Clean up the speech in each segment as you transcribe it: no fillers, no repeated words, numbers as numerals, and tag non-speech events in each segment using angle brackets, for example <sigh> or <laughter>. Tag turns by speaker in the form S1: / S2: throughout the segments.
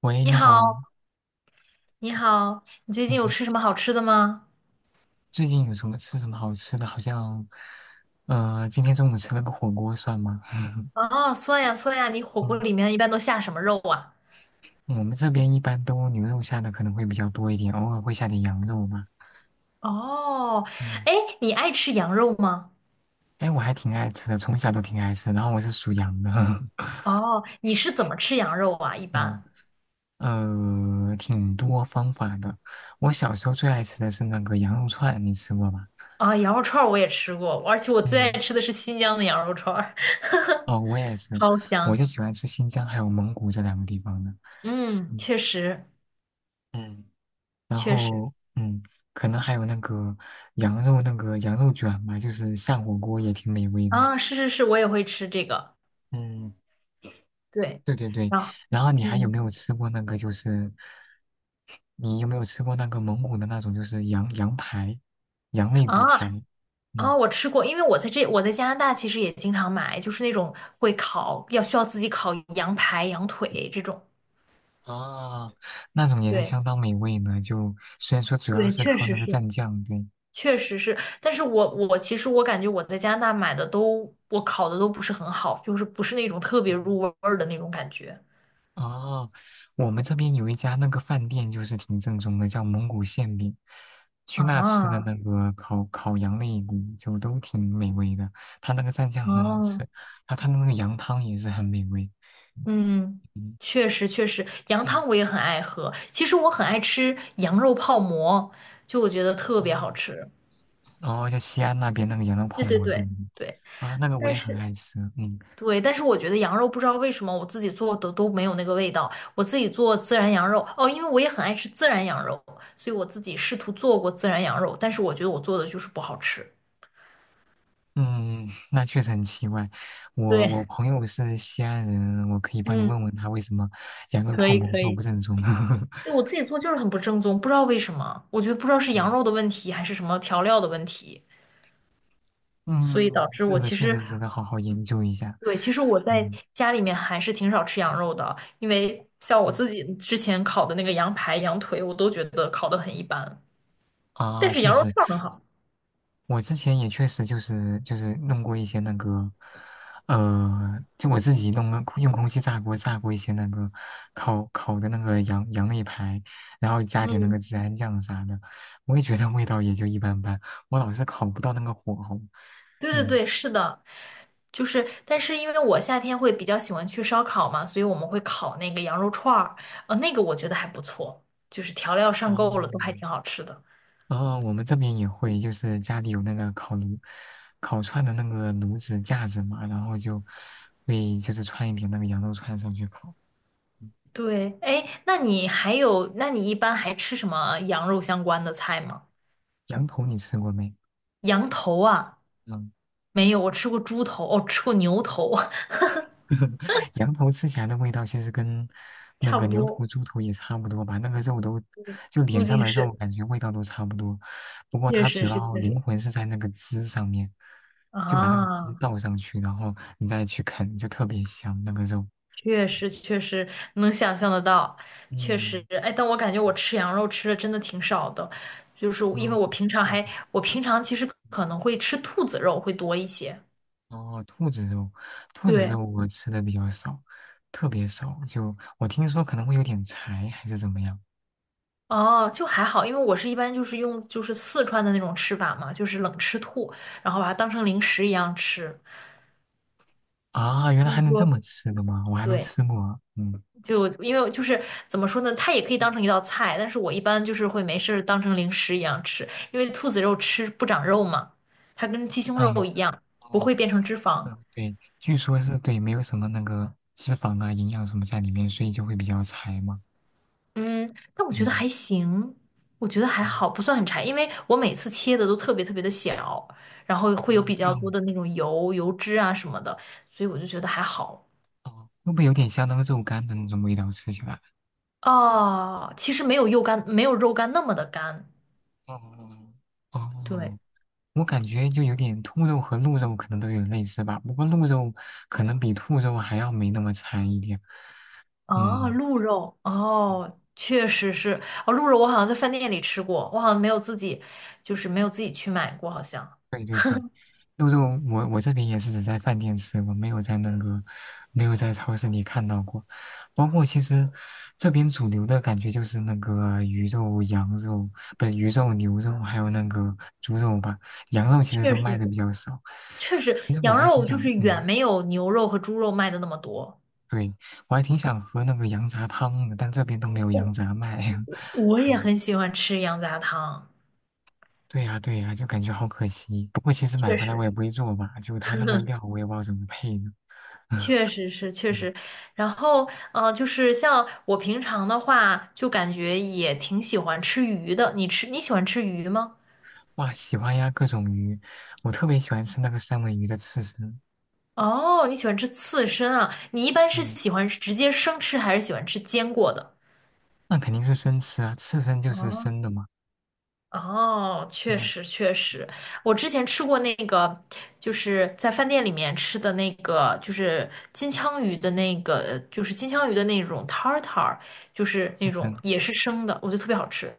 S1: 喂，
S2: 你
S1: 你好。
S2: 好，你好，你最近
S1: 嗯
S2: 有
S1: 嗯。
S2: 吃什么好吃的吗？
S1: 最近有什么吃什么好吃的？好像，今天中午吃了个火锅，算吗？<laughs>
S2: 哦，酸呀酸呀，你火锅
S1: 嗯，
S2: 里面一般都下什么肉啊？
S1: 我们这边一般都牛肉下的可能会比较多一点，偶尔会下点羊肉吧。
S2: 哦，
S1: 嗯。
S2: 哎，你爱吃羊肉吗？
S1: 哎，我还挺爱吃的，从小都挺爱吃。然后我是属羊的。
S2: 哦，你是怎么吃羊肉啊？一
S1: <laughs>
S2: 般
S1: 挺多方法的。我小时候最爱吃的是那个羊肉串，你吃过吧？
S2: 啊，羊肉串儿我也吃过，而且我最爱
S1: 嗯，
S2: 吃的是新疆的羊肉串儿，
S1: 哦，我也
S2: <laughs>
S1: 是。
S2: 超
S1: 我
S2: 香。
S1: 就喜欢吃新疆还有蒙古这两个地方的。
S2: 嗯，
S1: 嗯
S2: 确实
S1: 嗯。然
S2: 确实
S1: 后嗯，可能还有那个羊肉卷嘛，就是下火锅也挺美味的。
S2: 啊，是是是，我也会吃这个。
S1: 嗯，
S2: 对，
S1: 对对对。
S2: 啊，
S1: 然后你还有
S2: 嗯
S1: 没有吃过那个就是，你有没有吃过那个蒙古的那种就是羊排，羊肋骨
S2: 啊，
S1: 排？嗯，
S2: 啊、我吃过，因为我在这，我在加拿大其实也经常买，就是那种会烤，要需要自己烤羊排、羊腿这种。
S1: 啊，那种也是
S2: 对
S1: 相当美味呢，就虽然说主要
S2: 对，
S1: 是
S2: 确
S1: 靠
S2: 实
S1: 那个
S2: 是。
S1: 蘸酱，对。
S2: 确实是，但是我其实我感觉我在加拿大买的都，我烤的都不是很好，就是不是那种特别入味儿的那种感觉。
S1: 哦，我们这边有一家那个饭店，就是挺正宗的，叫蒙古馅饼。去那吃的
S2: 啊
S1: 那个烤羊肋骨就都挺美味的，它那个蘸酱很好吃，
S2: 啊，
S1: 然后它那个羊汤也是很美味。
S2: 嗯，
S1: 嗯
S2: 确实确实，羊
S1: 嗯，
S2: 汤我也很爱喝。其实我很爱吃羊肉泡馍，就我觉得特别
S1: 哦，
S2: 好吃。
S1: 然后在西安那边那个羊肉
S2: 对
S1: 泡
S2: 对
S1: 馍，对不
S2: 对
S1: 对？
S2: 对，
S1: 啊，那个我
S2: 但
S1: 也很
S2: 是
S1: 爱吃。嗯。
S2: 对，但是我觉得羊肉不知道为什么我自己做的都没有那个味道。我自己做孜然羊肉，哦，因为我也很爱吃孜然羊肉，所以我自己试图做过孜然羊肉，但是我觉得我做的就是不好吃。
S1: 嗯，那确实很奇怪。我
S2: 对
S1: 我朋友是西安人，
S2: <laughs>，
S1: 我可以帮你
S2: 嗯，
S1: 问问他为什么羊肉
S2: 可
S1: 泡
S2: 以
S1: 馍
S2: 可
S1: 就不
S2: 以，
S1: 正宗。<laughs>
S2: 对，我自己做就是很不正宗，不知道为什么，我觉得不知道是羊
S1: 嗯。
S2: 肉的问题还是什么调料的问题，所以
S1: 嗯，
S2: 导致
S1: 这
S2: 我
S1: 个
S2: 其
S1: 确实
S2: 实，
S1: 值得好好研究一下。
S2: 对，其实我在
S1: 嗯
S2: 家里面还是挺少吃羊肉的，因为像我
S1: 嗯，
S2: 自己之前烤的那个羊排、羊腿，我都觉得烤的很一般，但
S1: 啊，
S2: 是
S1: 确
S2: 羊肉
S1: 实。
S2: 串儿很好。
S1: 我之前也确实就是弄过一些那个，就我自己弄个用空气炸锅炸过一些那个烤的那个羊肋排，然后加点那
S2: 嗯，
S1: 个孜然酱啥的，我也觉得味道也就一般般，我老是烤不到那个火候。
S2: 对对
S1: 嗯。
S2: 对，是的，就是，但是因为我夏天会比较喜欢去烧烤嘛，所以我们会烤那个羊肉串儿，那个我觉得还不错，就是调料上
S1: 哦，
S2: 够了，都还挺好吃的。
S1: 然后我们这边也会，就是家里有那个烤炉、烤串的那个炉子架子嘛，然后就会就是串一点那个羊肉串上去烤。嗯。
S2: 对，哎，那你还有，那你一般还吃什么羊肉相关的菜吗？
S1: 羊头你吃过没？
S2: 羊头啊，
S1: 嗯。
S2: 没有，我吃过猪头，哦，吃过牛头，
S1: <laughs> 羊头吃起来的味道其实跟
S2: <laughs>
S1: 那
S2: 差
S1: 个
S2: 不
S1: 牛
S2: 多，
S1: 头、猪头也差不多吧，那个肉都就脸
S2: 估
S1: 上
S2: 计
S1: 的肉
S2: 是，
S1: 感觉味道都差不多，不过
S2: 确
S1: 它
S2: 实
S1: 主
S2: 是，
S1: 要
S2: 确
S1: 灵
S2: 实
S1: 魂是在那个汁上面，就把那个汁
S2: 啊。
S1: 倒上去，然后你再去啃，就特别香那个肉。
S2: 确实确实能想象得到，确实，
S1: 嗯。
S2: 哎，但我感觉我吃羊肉吃的真的挺少的，就是因为
S1: 嗯，
S2: 我平常
S1: 确实。
S2: 还，我平常其实可能会吃兔子肉会多一些。
S1: 哦，兔子肉，兔子
S2: 对，
S1: 肉我吃的比较少，特别少。就我听说可能会有点柴，还是怎么样？
S2: 哦，就还好，因为我是一般就是用就是四川的那种吃法嘛，就是冷吃兔，然后把它当成零食一样吃。
S1: 啊，原来
S2: 他
S1: 还
S2: 们
S1: 能这
S2: 说，
S1: 么吃的吗？我还没
S2: 对，
S1: 吃过。嗯。
S2: 就因为就是怎么说呢，它也可以当成一道菜，但是我一般就是会没事儿当成零食一样吃，因为兔子肉吃不长肉嘛，它跟鸡胸肉
S1: 嗯。
S2: 一样，不
S1: 哦。
S2: 会变成脂肪。
S1: 嗯，对，据说是，对，没有什么那个脂肪啊、营养什么在里面，所以就会比较柴嘛。
S2: 嗯，但我觉得
S1: 嗯。
S2: 还行，我觉得还
S1: 哦。
S2: 好，不算很柴，因为我每次切的都特别特别的小，然后会有
S1: 啊，
S2: 比
S1: 这
S2: 较多
S1: 样。
S2: 的那种油、油脂啊什么的，所以我就觉得还好。
S1: 哦，会不会有点像那个肉干的那种味道？吃起来？
S2: 哦，其实没有肉干，没有肉干那么的干，
S1: 哦。哦。哦，
S2: 对。
S1: 我感觉就有点兔肉和鹿肉可能都有点类似吧，不过鹿肉可能比兔肉还要没那么柴一点。
S2: 哦，
S1: 嗯，
S2: 鹿肉，哦，确实是，哦，鹿肉我好像在饭店里吃过，我好像没有自己，就是没有自己去买过，好像
S1: 对对对，鹿肉我这边也是只在饭店吃过，没有在那个没有在超市里看到过。包括其实这边主流的感觉就是那个鱼肉、羊肉，不是鱼肉、牛肉，还有那个猪肉吧。羊肉其实
S2: 确
S1: 都
S2: 实
S1: 卖的
S2: 是，
S1: 比较少。
S2: 确实
S1: 其实我
S2: 羊
S1: 还挺
S2: 肉就
S1: 想，
S2: 是远
S1: 嗯，
S2: 没有牛肉和猪肉卖的那么多。
S1: 对，我还挺想喝那个羊杂汤的，但这边都没有
S2: 哦，
S1: 羊杂卖。
S2: 我
S1: <laughs>
S2: 也
S1: 嗯，
S2: 很喜欢吃羊杂汤，
S1: 对呀，对呀，就感觉好可惜。不过其实买
S2: 确
S1: 回来
S2: 实
S1: 我也
S2: 是。
S1: 不会做吧，就它那个
S2: <laughs>
S1: 料我也不知道怎么配呢。<laughs>
S2: 确实是，确
S1: 嗯，
S2: 实，然后，就是像我平常的话，就感觉也挺喜欢吃鱼的。你吃，你喜欢吃鱼吗？
S1: 哇，喜欢呀，各种鱼，我特别喜欢吃那个三文鱼的刺身。
S2: 哦，你喜欢吃刺身啊？你一般是
S1: 嗯，
S2: 喜欢直接生吃，还是喜欢吃煎过的？
S1: 那肯定是生吃啊，刺身就是
S2: 哦，
S1: 生的嘛。
S2: 哦，确
S1: 嗯，
S2: 实确实，我之前吃过那个，就是在饭店里面吃的那个，就是金枪鱼的那个，就是金枪鱼的那种 tartar，就是
S1: 刺
S2: 那种
S1: 身。
S2: 也是生的，我觉得特别好吃。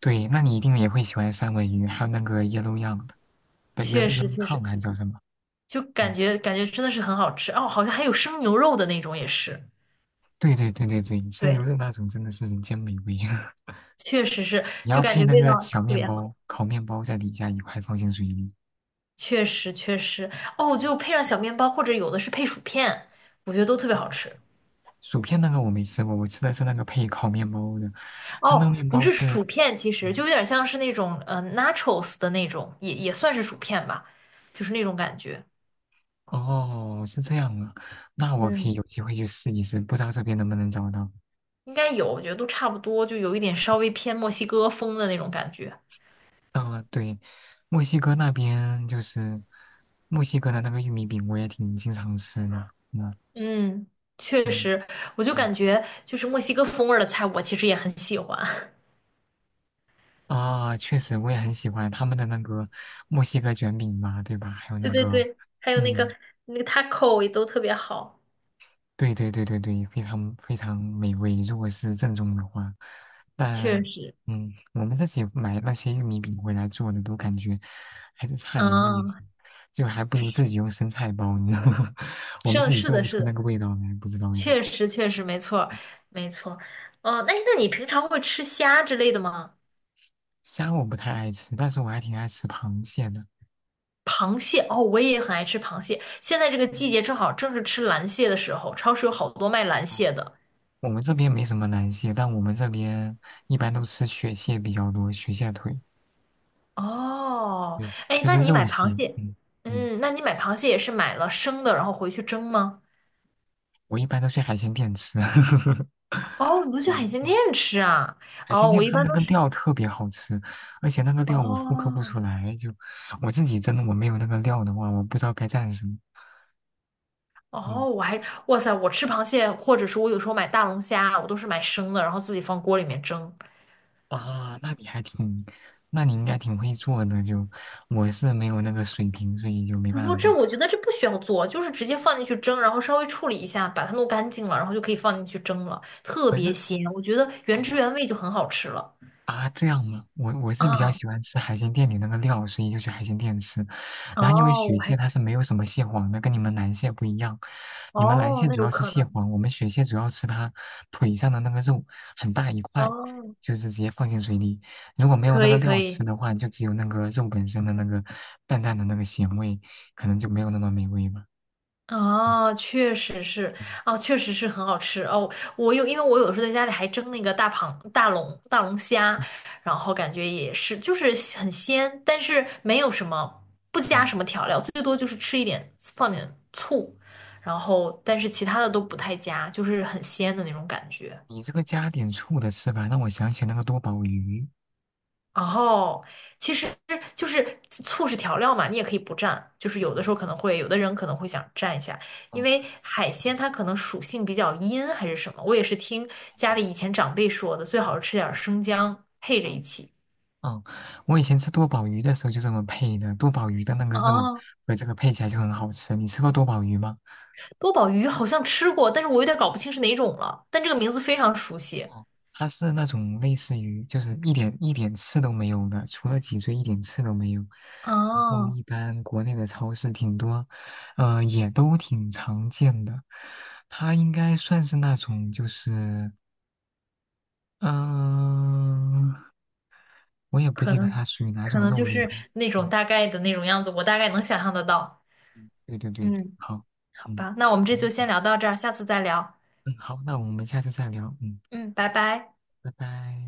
S1: 对，那你一定也会喜欢三文鱼，还有那个 yellow yang 的，不，yellow
S2: 确
S1: y e l
S2: 实
S1: l o w
S2: 确
S1: 烫
S2: 实，
S1: 还叫什么？
S2: 就感
S1: 嗯，
S2: 觉感觉真的是很好吃哦，好像还有生牛肉的那种也是，
S1: 对对对对对，生牛
S2: 对，
S1: 肉那种真的是人间美味。<laughs>
S2: 确实是，
S1: 你
S2: 就
S1: 要
S2: 感
S1: 配
S2: 觉
S1: 那
S2: 味
S1: 个
S2: 道
S1: 小
S2: 特
S1: 面
S2: 别好。
S1: 包，烤面包在底下一块放进水里。
S2: 确实确实哦，
S1: 嗯。
S2: 就配上小面包，或者有的是配薯片，我觉得都特别好
S1: 哦，是，
S2: 吃。
S1: 薯片那个我没吃过，我吃的是那个配烤面包的，它那
S2: 哦，
S1: 个面
S2: 不
S1: 包
S2: 是
S1: 是，
S2: 薯片，其实就
S1: 嗯。
S2: 有点像是那种nachos 的那种，也算是薯片吧，就是那种感觉。
S1: 哦，是这样啊，那我可以
S2: 嗯，
S1: 有机会去试一试，不知道这边能不能找到。
S2: 应该有，我觉得都差不多，就有一点稍微偏墨西哥风的那种感觉。
S1: 啊、对，墨西哥那边就是墨西哥的那个玉米饼，我也挺经常吃的。嗯。
S2: 嗯，确
S1: 嗯。
S2: 实，我就
S1: 嗯，
S2: 感觉就是墨西哥风味儿的菜，我其实也很喜欢。<laughs>
S1: 啊，确实我也很喜欢他们的那个墨西哥卷饼嘛，对吧？还有那
S2: 对对
S1: 个，
S2: 对，还有那个
S1: 嗯。
S2: 那个 taco 也都特别好，
S1: 对对对对对，非常非常美味。如果是正宗的话，
S2: 确
S1: 但
S2: 实。
S1: 嗯，我们自己买那些玉米饼回来做的，都感觉还是差点意思，
S2: 嗯，
S1: 就还不如自己用生菜包呢。<laughs> 我
S2: 是
S1: 们
S2: 的，
S1: 自己
S2: 是
S1: 做
S2: 的，
S1: 不
S2: 是
S1: 出那
S2: 的。
S1: 个味道来，不知道为啥。
S2: 确实确实没错儿没错儿。哦、那你平常会吃虾之类的吗？
S1: 虾我不太爱吃，但是我还挺爱吃螃蟹的。
S2: 螃蟹哦，我也很爱吃螃蟹。现在这个季
S1: 嗯。
S2: 节正好正是吃蓝蟹的时候，超市有好多卖蓝
S1: 哦，
S2: 蟹的。
S1: 我们这边没什么蓝蟹，但我们这边一般都吃雪蟹比较多，雪蟹腿，
S2: 哦，
S1: 对，
S2: 哎，
S1: 就
S2: 那
S1: 是
S2: 你
S1: 肉
S2: 买螃
S1: 蟹。
S2: 蟹，
S1: 嗯。嗯，
S2: 嗯，那你买螃蟹也是买了生的，然后回去蒸吗？
S1: 我一般都去海鲜店吃。<laughs>
S2: 哦，你都去海
S1: 嗯，
S2: 鲜店
S1: 哇，
S2: 吃啊？
S1: 海鲜
S2: 哦，
S1: 店
S2: 我一
S1: 们
S2: 般
S1: 那
S2: 都
S1: 个
S2: 是
S1: 料特别好吃，而且那个料我复刻不出
S2: 哦
S1: 来，就我自己真的我没有那个料的话，我不知道该蘸什么。嗯。
S2: 哦，我还哇塞，我吃螃蟹，或者说我有时候买大龙虾，我都是买生的，然后自己放锅里面蒸。
S1: 啊，那你还挺，那你应该挺会做的，就我是没有那个水平，所以就没
S2: 不，
S1: 办
S2: 这
S1: 法。
S2: 我觉得这不需要做，就是直接放进去蒸，然后稍微处理一下，把它弄干净了，然后就可以放进去蒸了，特
S1: 可
S2: 别
S1: 是，
S2: 鲜，我觉得原
S1: 哦，
S2: 汁原味就很好吃了。
S1: 啊，这样吗？我是比较
S2: 啊，
S1: 喜欢吃海鲜店里那个料，所以就去海鲜店吃。然后因为
S2: 哦，我
S1: 雪蟹
S2: 还，
S1: 它是没有什么蟹黄的，跟你们蓝蟹不一样。你们蓝
S2: 哦，
S1: 蟹
S2: 那
S1: 主
S2: 有
S1: 要是
S2: 可
S1: 蟹
S2: 能，
S1: 黄，我们雪蟹主要吃它腿上的那个肉，很大一块，
S2: 哦，
S1: 就是直接放进水里。如果没有那
S2: 可
S1: 个
S2: 以可
S1: 料吃
S2: 以。
S1: 的话，就只有那个肉本身的那个淡淡的那个咸味，可能就没有那么美味吧。嗯。
S2: 哦，确实是，
S1: 嗯。
S2: 哦，确实是很好吃哦。我有，因为我有时候在家里还蒸那个大龙虾，然后感觉也是，就是很鲜，但是没有什么，不加什
S1: 嗯。
S2: 么调料，最多就是吃一点，放点醋，然后但是其他的都不太加，就是很鲜的那种感觉。
S1: 你这个加点醋的吃法让我想起那个多宝鱼。
S2: 哦，其实就是醋是调料嘛，你也可以不蘸，就是有的时
S1: 嗯，
S2: 候可能会，有的人可能会想蘸一下，因
S1: 哦。
S2: 为海鲜它可能属性比较阴还是什么，我也是听家里以前长辈说的，最好是吃点儿生姜配着一
S1: 嗯。
S2: 起。
S1: 嗯，我以前吃多宝鱼的时候就这么配的，多宝鱼的那个肉
S2: 哦，
S1: 和这个配起来就很好吃。你吃过多宝鱼吗？
S2: 多宝鱼好像吃过，但是我有点搞不清是哪种了，但这个名字非常熟悉，
S1: 哦，它是那种类似于就是一点一点刺都没有的，除了脊椎一点刺都没有。然后
S2: 哦，
S1: 一般国内的超市挺多，也都挺常见的。它应该算是那种就是，嗯、我也不
S2: 可
S1: 记得
S2: 能
S1: 它属于哪
S2: 可
S1: 种
S2: 能就
S1: 肉类
S2: 是
S1: 了。
S2: 那种
S1: 嗯，
S2: 大概的那种样子，我大概能想象得到。
S1: 对对对，
S2: 嗯
S1: 好，
S2: 好
S1: 嗯。
S2: 吧，那我们这就先
S1: 嗯。
S2: 聊到这儿，下次再聊，
S1: 嗯，好，那我们下次再聊。嗯，
S2: 嗯。拜拜。
S1: 拜拜。